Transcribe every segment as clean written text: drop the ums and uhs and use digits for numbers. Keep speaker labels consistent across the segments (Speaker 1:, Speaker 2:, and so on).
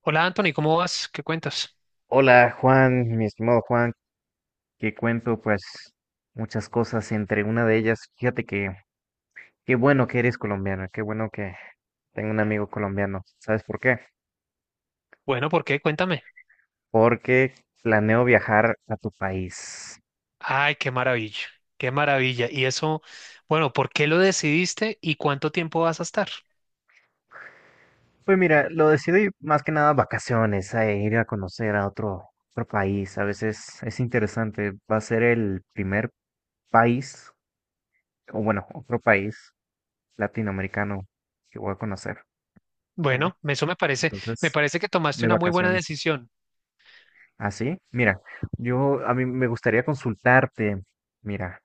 Speaker 1: Hola Anthony, ¿cómo vas? ¿Qué cuentas?
Speaker 2: Hola Juan, mi estimado Juan, que cuento pues muchas cosas. Entre una de ellas, fíjate que qué bueno que eres colombiano, qué bueno que tengo un amigo colombiano. ¿Sabes por qué?
Speaker 1: Bueno, ¿por qué? Cuéntame.
Speaker 2: Porque planeo viajar a tu país.
Speaker 1: Ay, qué maravilla, qué maravilla. Y eso, bueno, ¿por qué lo decidiste y cuánto tiempo vas a estar?
Speaker 2: Pues mira, lo decidí más que nada vacaciones, a ir a conocer a otro, otro país. A veces es interesante. Va a ser el primer país, o bueno, otro país latinoamericano que voy a conocer, ¿vale?
Speaker 1: Bueno, eso me
Speaker 2: Entonces,
Speaker 1: parece que tomaste
Speaker 2: de
Speaker 1: una muy buena
Speaker 2: vacaciones.
Speaker 1: decisión.
Speaker 2: ¿Ah, sí? Mira, yo a mí me gustaría consultarte. Mira,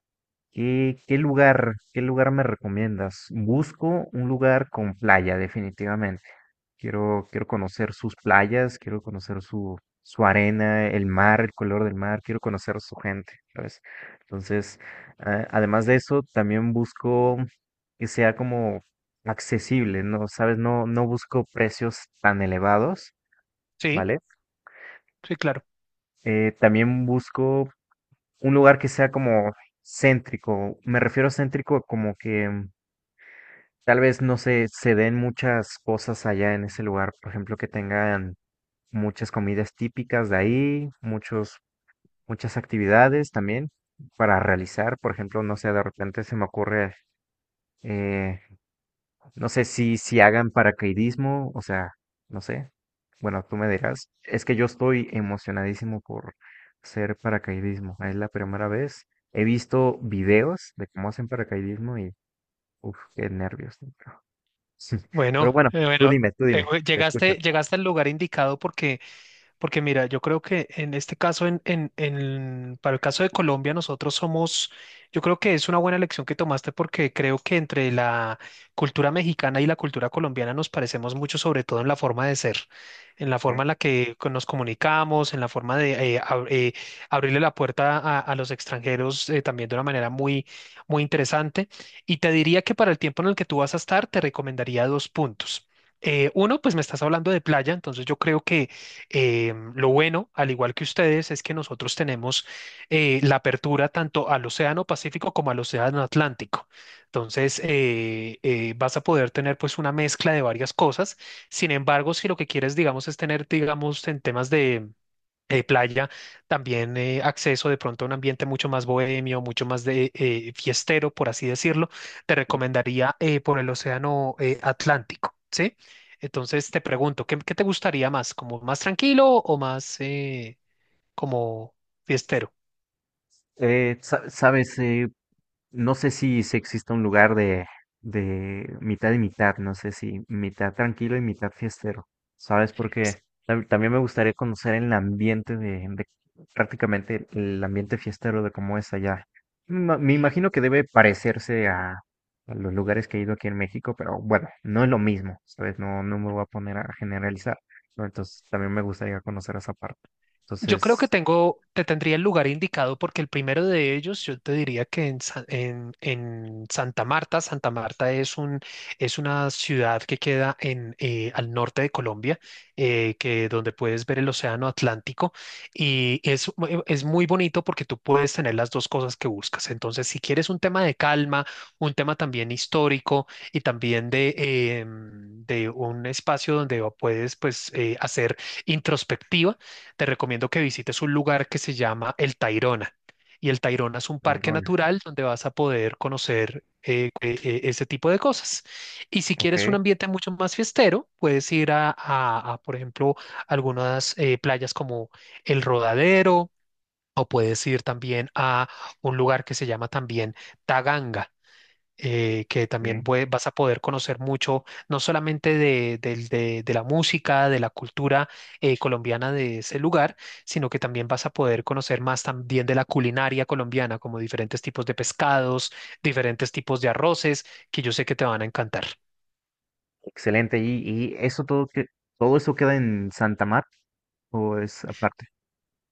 Speaker 2: ¿qué lugar, qué lugar me recomiendas? Busco un lugar con playa, definitivamente. Quiero conocer sus playas, quiero conocer su, su arena, el mar, el color del mar. Quiero conocer su gente, ¿sabes? Entonces, además de eso, también busco que sea como accesible, ¿no? ¿Sabes? No busco precios tan elevados,
Speaker 1: Sí,
Speaker 2: ¿vale?
Speaker 1: sí, claro.
Speaker 2: También busco un lugar que sea como céntrico. Me refiero a céntrico como que tal vez no se den muchas cosas allá en ese lugar. Por ejemplo, que tengan muchas comidas típicas de ahí, muchos, muchas actividades también para realizar. Por ejemplo, no sé, de repente se me ocurre eh, no sé si, si hagan paracaidismo, o sea, no sé. Bueno, tú me dirás. Es que yo estoy emocionadísimo por hacer paracaidismo. Es la primera vez. He visto videos de cómo hacen paracaidismo y, uff, qué nervios, ¿no? Pero
Speaker 1: Bueno,
Speaker 2: pero bueno,
Speaker 1: bueno,
Speaker 2: tú dime, te escucho.
Speaker 1: llegaste, llegaste al lugar indicado porque porque mira, yo creo que en este caso, para el caso de Colombia, nosotros somos, yo creo que es una buena elección que tomaste porque creo que entre la cultura mexicana y la cultura colombiana nos parecemos mucho, sobre todo en la forma de ser, en la
Speaker 2: Ok.
Speaker 1: forma en la que nos comunicamos, en la forma de abrirle la puerta a los extranjeros también de una manera muy, muy interesante. Y te diría que para el tiempo en el que tú vas a estar, te recomendaría dos puntos. Uno, pues me estás hablando de playa, entonces yo creo que lo bueno, al igual que ustedes, es que nosotros tenemos la apertura tanto al Océano Pacífico como al Océano Atlántico. Entonces, vas a poder tener pues una mezcla de varias cosas. Sin embargo, si lo que quieres, digamos, es tener, digamos, en temas de playa, también acceso de pronto a un ambiente mucho más bohemio, mucho más de fiestero, por así decirlo, te
Speaker 2: Sí.
Speaker 1: recomendaría por el océano Atlántico, ¿sí? Entonces te pregunto, ¿qué, qué te gustaría más? ¿Como más tranquilo o más como fiestero?
Speaker 2: ¿Sabes? No sé si, si existe un lugar de mitad y mitad, no sé si mitad tranquilo y mitad fiestero, ¿sabes? Porque también me gustaría conocer el ambiente de, prácticamente el ambiente fiestero de cómo es allá. Me imagino que debe parecerse a los lugares que he ido aquí en México, pero bueno, no es lo mismo, ¿sabes? No me voy a poner a generalizar, ¿no? Entonces también me gustaría conocer esa parte.
Speaker 1: Yo creo que
Speaker 2: Entonces,
Speaker 1: tengo, te tendría el lugar indicado porque el primero de ellos, yo te diría que en, en Santa Marta. Santa Marta es un, es una ciudad que queda en, al norte de Colombia, que donde puedes ver el océano Atlántico y es, es muy bonito porque tú puedes tener las dos cosas que buscas. Entonces, si quieres un tema de calma, un tema también histórico y también de, de un espacio donde puedes pues, hacer introspectiva, te recomiendo que visites un lugar que se llama El Tayrona. Y el Tayrona es un parque
Speaker 2: Girona,
Speaker 1: natural donde vas a poder conocer ese tipo de cosas. Y si
Speaker 2: ok,
Speaker 1: quieres un ambiente mucho más fiestero, puedes ir a, por ejemplo, algunas playas como El Rodadero, o puedes ir también a un lugar que se llama también Taganga que también
Speaker 2: ok.
Speaker 1: vas a poder conocer mucho, no solamente de, de la música, de la cultura colombiana de ese lugar, sino que también vas a poder conocer más también de la culinaria colombiana, como diferentes tipos de pescados, diferentes tipos de arroces, que yo sé que te van a encantar.
Speaker 2: Excelente. Y eso todo que todo eso queda en Santa Mar o es aparte?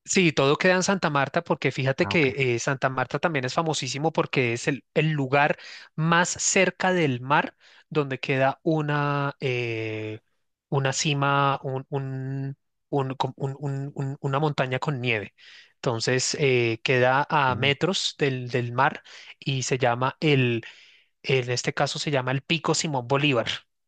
Speaker 1: Sí, todo queda en Santa Marta porque fíjate
Speaker 2: Ah, ok.
Speaker 1: que Santa Marta también es famosísimo porque es el lugar más cerca del mar donde queda una cima, una montaña con nieve. Entonces queda a
Speaker 2: Bien.
Speaker 1: metros del, del mar y se llama, en este caso se llama el Pico Simón Bolívar.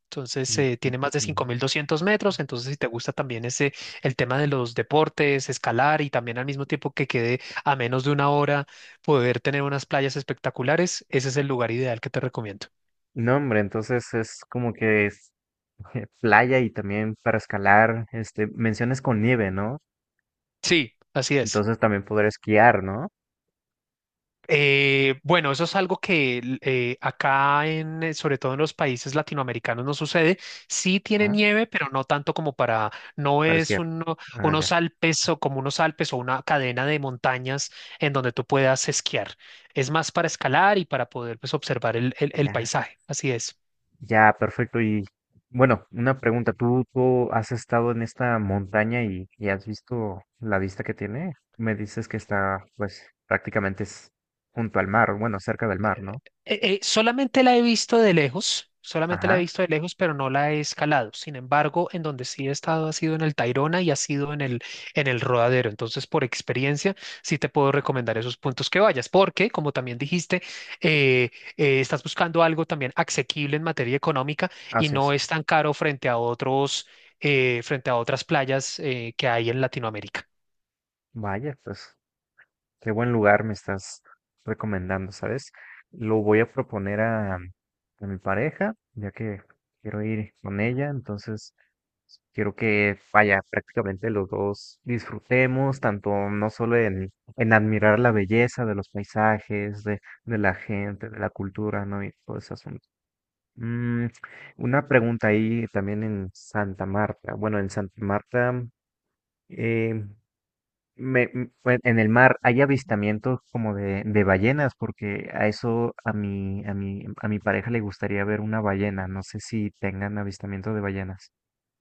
Speaker 1: Entonces,
Speaker 2: Mm,
Speaker 1: tiene
Speaker 2: Pico
Speaker 1: más de cinco
Speaker 2: Sinaloa.
Speaker 1: mil doscientos metros. Entonces, si te gusta también ese, el tema de los deportes, escalar y también al mismo tiempo que quede a menos de una hora, poder tener unas playas espectaculares, ese es el lugar ideal que te recomiendo.
Speaker 2: No, hombre, entonces es como que es playa y también para escalar, este, menciones con nieve, ¿no?
Speaker 1: Sí, así es.
Speaker 2: Entonces también poder esquiar, ¿no?
Speaker 1: Bueno, eso es algo que acá en, sobre todo en los países latinoamericanos no sucede. Sí tiene
Speaker 2: ¿Ah?
Speaker 1: nieve, pero no tanto como para, no
Speaker 2: Para
Speaker 1: es
Speaker 2: esquiar. Ah, ya.
Speaker 1: unos Alpes o como unos Alpes o una cadena de montañas en donde tú puedas esquiar. Es más para escalar y para poder pues, observar el, el
Speaker 2: Ya.
Speaker 1: paisaje. Así es.
Speaker 2: Ya, perfecto. Y bueno, una pregunta. ¿Tú has estado en esta montaña y has visto la vista que tiene? Me dices que está, pues, prácticamente es junto al mar, bueno, cerca del mar, ¿no?
Speaker 1: Solamente la he visto de lejos, solamente la he
Speaker 2: Ajá,
Speaker 1: visto de lejos, pero no la he escalado. Sin embargo, en donde sí he estado ha sido en el Tayrona y ha sido en el Rodadero. Entonces, por experiencia, sí te puedo recomendar esos puntos que vayas, porque, como también dijiste, eh, estás buscando algo también asequible en materia económica y
Speaker 2: así
Speaker 1: no
Speaker 2: es.
Speaker 1: es tan caro frente a otros, frente a otras playas que hay en Latinoamérica.
Speaker 2: Vaya, pues, qué buen lugar me estás recomendando, ¿sabes? Lo voy a proponer a mi pareja, ya que quiero ir con ella. Entonces quiero que, vaya, prácticamente los dos disfrutemos tanto no solo en admirar la belleza de los paisajes, de la gente, de la cultura, ¿no? Y todo ese asunto. Mm, una pregunta ahí también en Santa Marta. Bueno, en Santa Marta, eh, en el mar hay avistamientos como de ballenas, porque a eso a mi, a mi, a mi pareja le gustaría ver una ballena. No sé si tengan avistamiento de ballenas.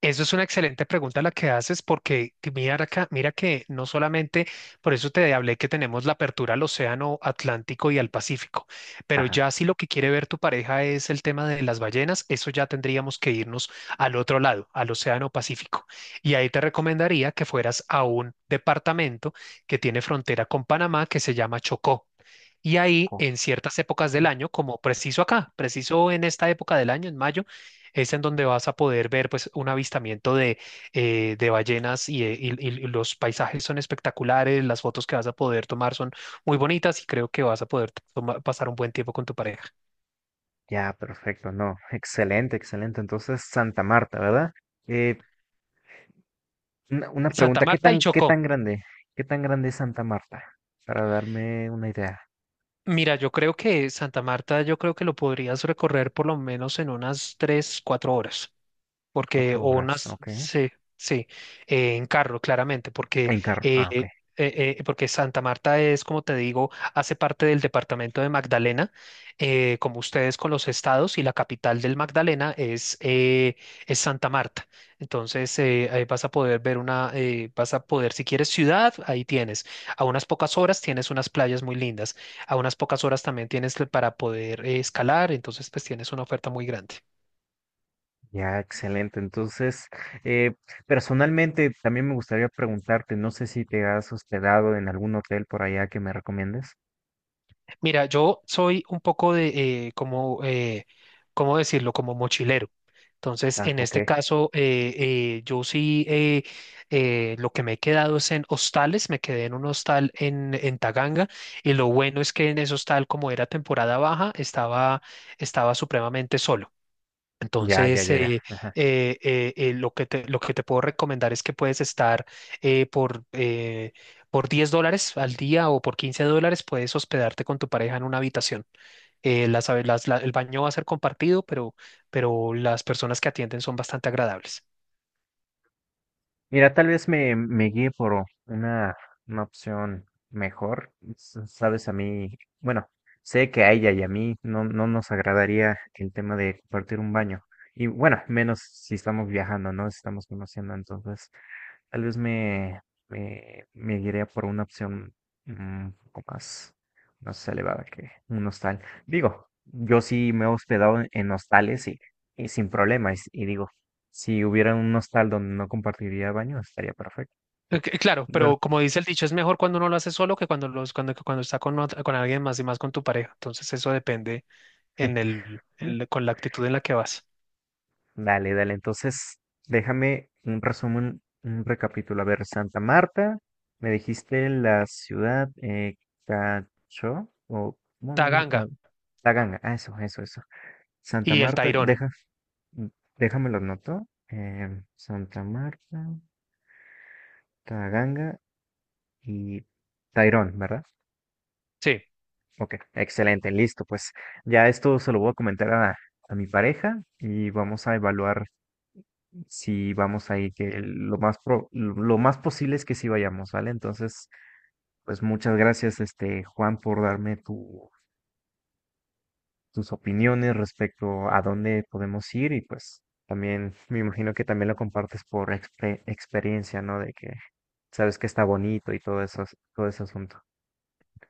Speaker 1: Eso es una excelente pregunta la que haces porque que mira acá, mira que no solamente, por eso te hablé que tenemos la apertura al Océano Atlántico y al Pacífico, pero
Speaker 2: Ajá.
Speaker 1: ya si lo que quiere ver tu pareja es el tema de las ballenas, eso ya tendríamos que irnos al otro lado, al Océano Pacífico. Y ahí te recomendaría que fueras a un departamento que tiene frontera con Panamá que se llama Chocó. Y ahí,
Speaker 2: Ok.
Speaker 1: en ciertas épocas del año, como preciso acá, preciso en esta época del año, en mayo, es en donde vas a poder ver pues un avistamiento de ballenas y, y los paisajes son espectaculares, las fotos que vas a poder tomar son muy bonitas y creo que vas a poder pasar un buen tiempo con tu pareja.
Speaker 2: Ya, perfecto, no. Excelente, excelente. Entonces, Santa Marta, ¿verdad? Eh, una
Speaker 1: Santa
Speaker 2: pregunta,
Speaker 1: Marta y
Speaker 2: qué
Speaker 1: Chocó.
Speaker 2: tan grande? ¿Qué tan grande es Santa Marta? Para darme una idea.
Speaker 1: Mira, yo creo que Santa Marta, yo creo que lo podrías recorrer por lo menos en unas 3, 4 horas, porque,
Speaker 2: Cuatro
Speaker 1: o
Speaker 2: horas,
Speaker 1: unas,
Speaker 2: ok.
Speaker 1: sí, sí, en carro, claramente, porque,
Speaker 2: En carro,
Speaker 1: eh,
Speaker 2: ah, ok.
Speaker 1: porque Santa Marta es, como te digo, hace parte del departamento de Magdalena, como ustedes con los estados, y la capital del Magdalena es Santa Marta. Entonces, ahí vas a poder ver una, vas a poder, si quieres ciudad, ahí tienes. A unas pocas horas tienes unas playas muy lindas. A unas pocas horas también tienes para poder escalar, entonces pues tienes una oferta muy grande.
Speaker 2: Ya, excelente. Entonces, eh, personalmente también me gustaría preguntarte, no sé si te has hospedado en algún hotel por allá que me recomiendes.
Speaker 1: Mira, yo soy un poco de, como, ¿cómo decirlo? Como mochilero. Entonces,
Speaker 2: Ah,
Speaker 1: en
Speaker 2: ok.
Speaker 1: este caso, yo sí, lo que me he quedado es en hostales, me quedé en un hostal en Taganga y lo bueno es que en ese hostal, como era temporada baja, estaba, estaba supremamente solo.
Speaker 2: Ya, ya,
Speaker 1: Entonces,
Speaker 2: ya, ya.
Speaker 1: lo que te puedo recomendar es que puedes estar eh, por, eh, por 10 dólares al día o por 15 dólares, puedes hospedarte con tu pareja en una habitación. Las, el baño va a ser compartido, pero las personas que atienden son bastante agradables.
Speaker 2: Mira, tal vez me, me guíe por una opción mejor. Sabes, a mí, bueno, sé que a ella y a mí no, no nos agradaría el tema de compartir un baño. Y bueno, menos si estamos viajando, ¿no? Si estamos conociendo, entonces tal vez me, me, me guiaría por una opción mm, un poco más, más elevada que un hostal. Digo, yo sí me he hospedado en hostales y sin problema. Y, y digo, si hubiera un hostal donde no compartiría baño, estaría perfecto.
Speaker 1: Claro,
Speaker 2: No.
Speaker 1: pero como dice el dicho, es mejor cuando uno lo hace solo que cuando, los, cuando, cuando está con, con alguien más y más con tu pareja. Entonces, eso depende en el, con la actitud en la que vas.
Speaker 2: Dale, dale. Entonces, déjame un resumen, un recapítulo. A ver, Santa Marta, me dijiste la ciudad, Cacho, o ¿cómo me
Speaker 1: Taganga
Speaker 2: Taganga. Ah, eso, eso, eso. Santa
Speaker 1: y el
Speaker 2: Marta,
Speaker 1: Tairona.
Speaker 2: deja, mm, déjame lo anoto. Santa Marta, Taganga y Tairón, ¿verdad?
Speaker 1: Sí.
Speaker 2: Ok, excelente, listo. Pues ya esto se lo voy a comentar a mi pareja y vamos a evaluar si vamos ahí, que lo más lo más posible es que sí vayamos, ¿vale? Entonces, pues muchas gracias, este, Juan, por darme tus opiniones respecto a dónde podemos ir. Y pues también me imagino que también lo compartes por experiencia, ¿no? De que sabes que está bonito y todo eso, todo ese asunto.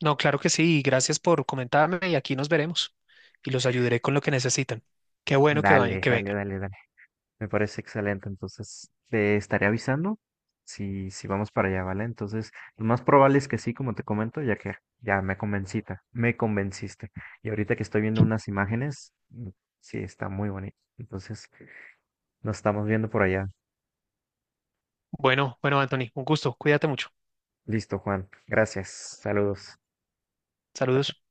Speaker 1: No, claro que sí, y gracias por comentarme y aquí nos veremos y los ayudaré con lo que necesitan. Qué bueno que,
Speaker 2: Dale,
Speaker 1: que
Speaker 2: dale,
Speaker 1: vengan.
Speaker 2: dale, dale. Me parece excelente. Entonces, te estaré avisando si, si vamos para allá, ¿vale? Entonces, lo más probable es que sí, como te comento, ya que ya me me convenciste. Y ahorita que estoy viendo unas imágenes, mm, sí, está muy bonito. Entonces, nos estamos viendo por allá.
Speaker 1: Bueno, bueno, Anthony, un gusto. Cuídate mucho.
Speaker 2: Listo, Juan. Gracias. Saludos. Chao,
Speaker 1: Saludos.
Speaker 2: chao.